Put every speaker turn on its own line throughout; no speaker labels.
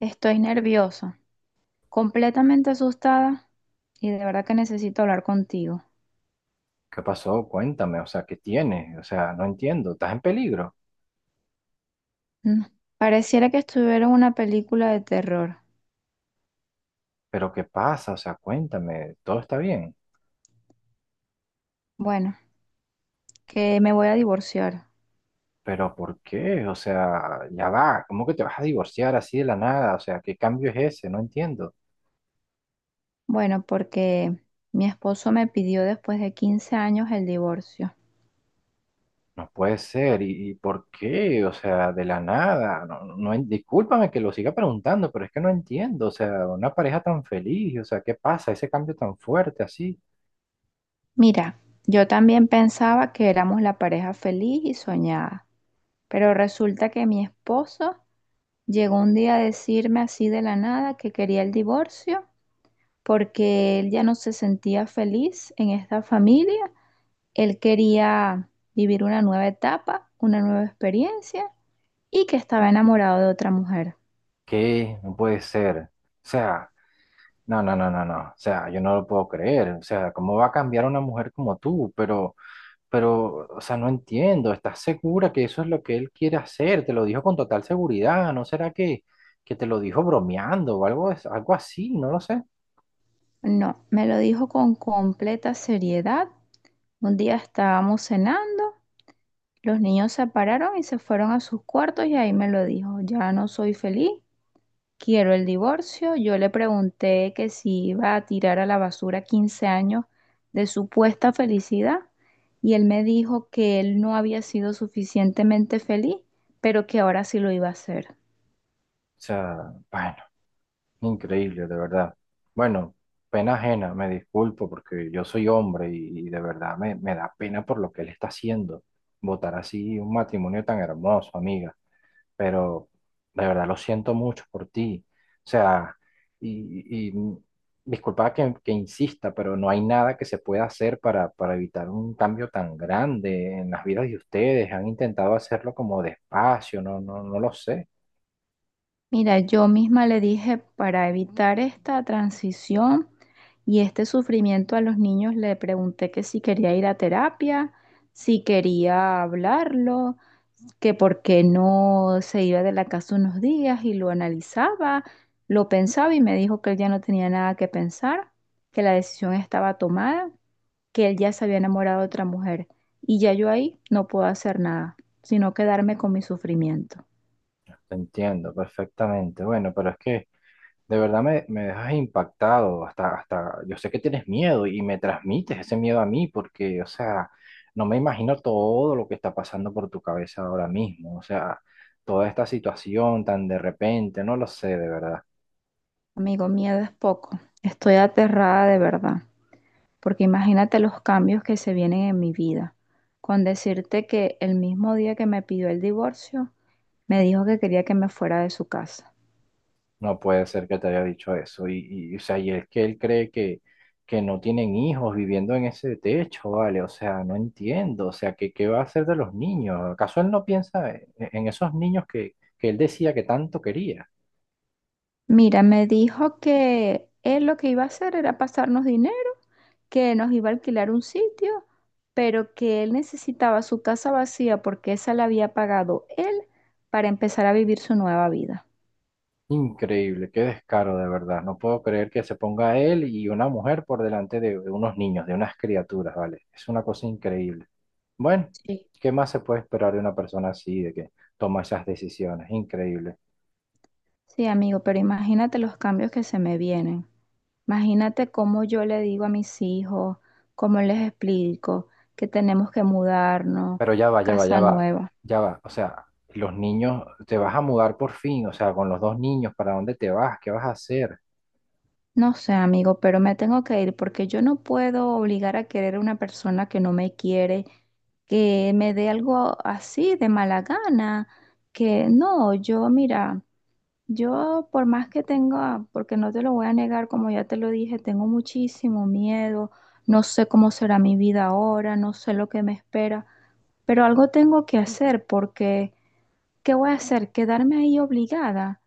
Estoy nerviosa, completamente asustada y de verdad que necesito hablar contigo.
¿Qué pasó? Cuéntame, o sea, ¿qué tienes? O sea, no entiendo, estás en peligro,
Mm. Pareciera que estuviera en una película de terror.
pero ¿qué pasa? O sea, cuéntame, todo está bien,
Bueno, que me voy a divorciar.
pero ¿por qué? O sea, ya va, ¿cómo que te vas a divorciar así de la nada? O sea, ¿qué cambio es ese? No entiendo,
Bueno, porque mi esposo me pidió, después de 15 años, el divorcio.
no puede ser, ¿y por qué? O sea, de la nada, no, no, discúlpame que lo siga preguntando, pero es que no entiendo, o sea, una pareja tan feliz, o sea, ¿qué pasa? Ese cambio tan fuerte así,
Mira, yo también pensaba que éramos la pareja feliz y soñada, pero resulta que mi esposo llegó un día a decirme así de la nada que quería el divorcio porque él ya no se sentía feliz en esta familia. Él quería vivir una nueva etapa, una nueva experiencia, y que estaba enamorado de otra mujer.
¿qué? No puede ser, o sea... No, no, no, no, no. O sea, yo no lo puedo creer. O sea, ¿cómo va a cambiar una mujer como tú? Pero, o sea, no entiendo. ¿Estás segura que eso es lo que él quiere hacer? Te lo dijo con total seguridad. ¿No será que te lo dijo bromeando o algo, algo así? No lo sé. O
No, me lo dijo con completa seriedad. Un día estábamos cenando, los niños se pararon y se fueron a sus cuartos y ahí me lo dijo: ya no soy feliz, quiero el divorcio. Yo le pregunté que si iba a tirar a la basura 15 años de supuesta felicidad, y él me dijo que él no había sido suficientemente feliz, pero que ahora sí lo iba a hacer.
sea, bueno, increíble, de verdad. Bueno, pena ajena, me disculpo porque yo soy hombre y de verdad me da pena por lo que él está haciendo. Votar así un matrimonio tan hermoso, amiga, pero de verdad lo siento mucho por ti. O sea, y, y mm, disculpa que insista, pero no hay nada que se pueda hacer para evitar un cambio tan grande en las vidas de ustedes. Han intentado hacerlo como despacio, no, no, no lo sé.
Mira, yo misma le dije, para evitar esta transición y este sufrimiento a los niños, le pregunté que si quería ir a terapia, si quería hablarlo, que por qué no se iba de la casa unos días y lo analizaba, lo pensaba, y me dijo que él ya no tenía nada que pensar, que la decisión estaba tomada, que él ya se había enamorado de otra mujer. Y ya yo ahí no puedo hacer nada, sino quedarme con mi sufrimiento.
Te entiendo perfectamente. Bueno, pero es que de verdad me dejas impactado, hasta, hasta yo sé que tienes miedo y me transmites ese miedo a mí porque, o sea, no me imagino todo lo que está pasando por tu cabeza ahora mismo, o sea, toda esta situación tan de repente, no lo sé, de verdad,
Amigo, miedo es poco. Estoy aterrada de verdad, porque imagínate los cambios que se vienen en mi vida. Con decirte que el mismo día que me pidió el divorcio, me dijo que quería que me fuera de su casa.
no puede ser que te haya dicho eso o sea, y es que él cree que no tienen hijos viviendo en ese techo, ¿vale? O sea, no entiendo, o sea, ¿qué, qué va a hacer de los niños? ¿Acaso él no piensa en esos niños que él decía que tanto quería?
Mira, me dijo que él lo que iba a hacer era pasarnos dinero, que nos iba a alquilar un sitio, pero que él necesitaba su casa vacía porque esa la había pagado él, para empezar a vivir su nueva vida.
Increíble, qué descaro de verdad. No puedo creer que se ponga él y una mujer por delante de unos niños, de unas criaturas, ¿vale? Es una cosa increíble. Bueno,
Sí.
¿qué más se puede esperar de una persona así, de que toma esas decisiones? Increíble.
Sí, amigo, pero imagínate los cambios que se me vienen. Imagínate cómo yo le digo a mis hijos, cómo les explico que tenemos que mudarnos,
Pero ya va, ya va, ya
casa
va,
nueva.
ya va. O sea, los niños, te vas a mudar por fin, o sea, con los dos niños, ¿para dónde te vas? ¿Qué vas a hacer?
No sé, amigo, pero me tengo que ir porque yo no puedo obligar a querer a una persona que no me quiere, que me dé algo así de mala gana, que no. Yo mira, yo por más que tenga, porque no te lo voy a negar, como ya te lo dije, tengo muchísimo miedo, no sé cómo será mi vida ahora, no sé lo que me espera, pero algo tengo que hacer porque, ¿qué voy a hacer? ¿Quedarme ahí obligada?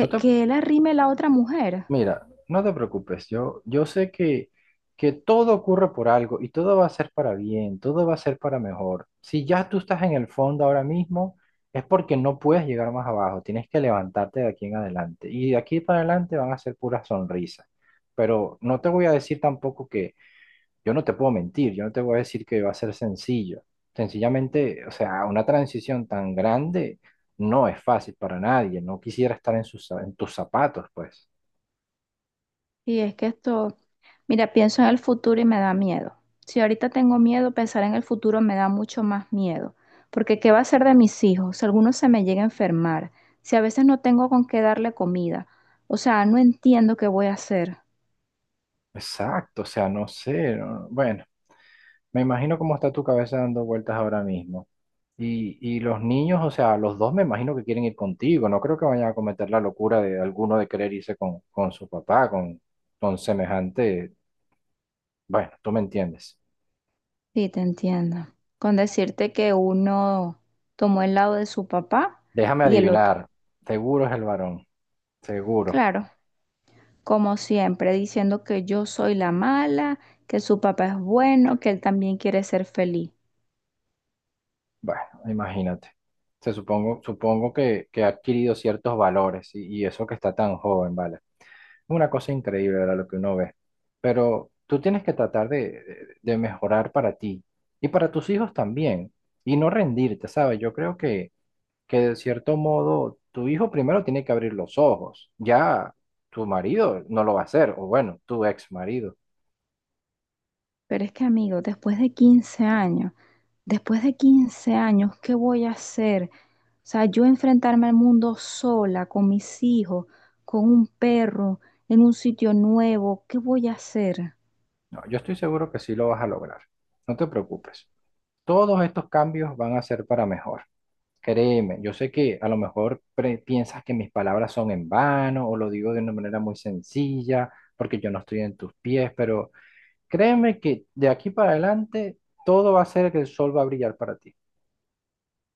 No te
que él arrime la otra mujer?
Mira, no te preocupes, yo sé que todo ocurre por algo y todo va a ser para bien, todo va a ser para mejor. Si ya tú estás en el fondo ahora mismo, es porque no puedes llegar más abajo, tienes que levantarte de aquí en adelante. Y de aquí para adelante van a ser puras sonrisas. Pero no te voy a decir tampoco que yo no te puedo mentir, yo no te voy a decir que va a ser sencillo. Sencillamente, o sea, una transición tan grande no es fácil para nadie, no quisiera estar en sus, en tus zapatos, pues.
Y es que esto, mira, pienso en el futuro y me da miedo. Si ahorita tengo miedo, pensar en el futuro me da mucho más miedo, porque ¿qué va a ser de mis hijos si alguno se me llega a enfermar? Si a veces no tengo con qué darle comida. O sea, no entiendo qué voy a hacer.
Exacto, o sea, no sé, bueno, me imagino cómo está tu cabeza dando vueltas ahora mismo. Y los niños, o sea, los dos me imagino que quieren ir contigo, no creo que vayan a cometer la locura de alguno de querer irse con su papá, con semejante, bueno, tú me entiendes.
Sí, te entiendo. Con decirte que uno tomó el lado de su papá
Déjame
y el otro.
adivinar, seguro es el varón, seguro.
Claro, como siempre, diciendo que yo soy la mala, que su papá es bueno, que él también quiere ser feliz.
Bueno, imagínate. Se supongo, supongo que ha adquirido ciertos valores y eso que está tan joven, ¿vale? Una cosa increíble era lo que uno ve. Pero tú tienes que tratar de, de mejorar para ti y para tus hijos también. Y no rendirte, ¿sabes? Yo creo que de cierto modo tu hijo primero tiene que abrir los ojos. Ya tu marido no lo va a hacer, o bueno, tu ex marido.
Pero es que, amigo, después de 15 años, después de 15 años, ¿qué voy a hacer? O sea, yo enfrentarme al mundo sola, con mis hijos, con un perro, en un sitio nuevo, ¿qué voy a hacer?
No, yo estoy seguro que sí lo vas a lograr. No te preocupes. Todos estos cambios van a ser para mejor. Créeme, yo sé que a lo mejor piensas que mis palabras son en vano o lo digo de una manera muy sencilla porque yo no estoy en tus pies, pero créeme que de aquí para adelante todo va a ser que el sol va a brillar para ti.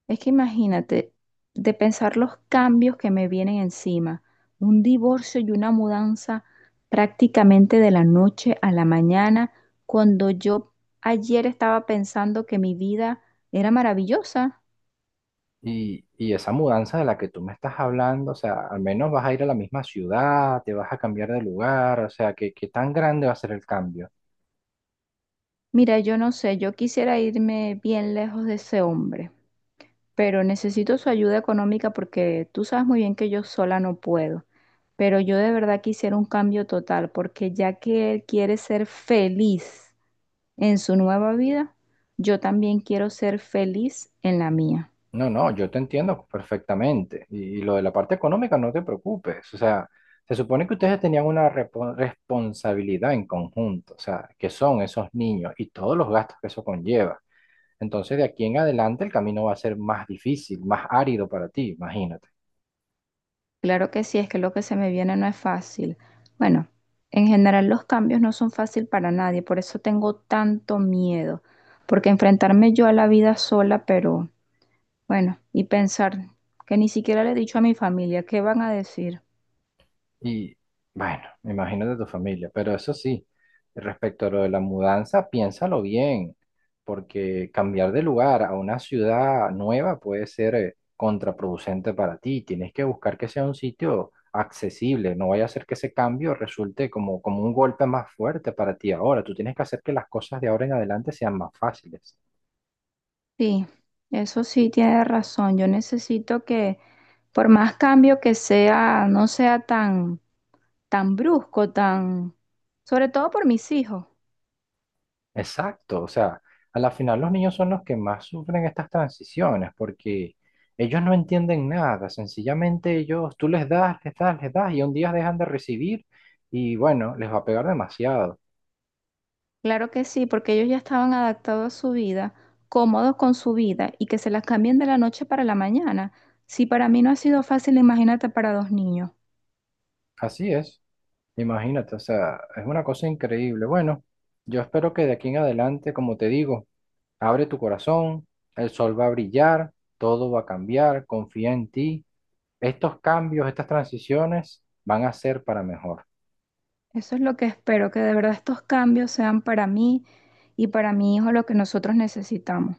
Es que imagínate, de pensar los cambios que me vienen encima, un divorcio y una mudanza prácticamente de la noche a la mañana, cuando yo ayer estaba pensando que mi vida era maravillosa.
Y esa mudanza de la que tú me estás hablando, o sea, al menos vas a ir a la misma ciudad, te vas a cambiar de lugar, o sea, ¿qué, qué tan grande va a ser el cambio?
Mira, yo no sé, yo quisiera irme bien lejos de ese hombre, pero necesito su ayuda económica porque tú sabes muy bien que yo sola no puedo. Pero yo de verdad quisiera un cambio total, porque ya que él quiere ser feliz en su nueva vida, yo también quiero ser feliz en la mía.
No, no, yo te entiendo perfectamente. Y lo de la parte económica, no te preocupes. O sea, se supone que ustedes tenían una responsabilidad en conjunto, o sea, que son esos niños y todos los gastos que eso conlleva. Entonces, de aquí en adelante, el camino va a ser más difícil, más árido para ti, imagínate.
Claro que sí, es que lo que se me viene no es fácil. Bueno, en general los cambios no son fácil para nadie, por eso tengo tanto miedo, porque enfrentarme yo a la vida sola, pero bueno, y pensar que ni siquiera le he dicho a mi familia, ¿qué van a decir?
Y bueno, me imagino de tu familia, pero eso sí, respecto a lo de la mudanza, piénsalo bien, porque cambiar de lugar a una ciudad nueva puede ser contraproducente para ti. Tienes que buscar que sea un sitio accesible, no vaya a ser que ese cambio resulte como, como un golpe más fuerte para ti ahora. Tú tienes que hacer que las cosas de ahora en adelante sean más fáciles.
Sí, eso sí tiene razón, yo necesito que, por más cambio que sea, no sea tan tan brusco. Sobre todo por mis hijos.
Exacto, o sea, a la final los niños son los que más sufren estas transiciones porque ellos no entienden nada, sencillamente ellos, tú les das, les das, les das y un día dejan de recibir y bueno, les va a pegar demasiado.
Claro que sí, porque ellos ya estaban adaptados a su vida, cómodos con su vida, y que se las cambien de la noche para la mañana. Si para mí no ha sido fácil, imagínate para dos niños.
Así es, imagínate, o sea, es una cosa increíble. Bueno, yo espero que de aquí en adelante, como te digo, abre tu corazón, el sol va a brillar, todo va a cambiar, confía en ti. Estos cambios, estas transiciones van a ser para mejor.
Eso es lo que espero, que de verdad estos cambios sean para mí y para mi hijo lo que nosotros necesitamos.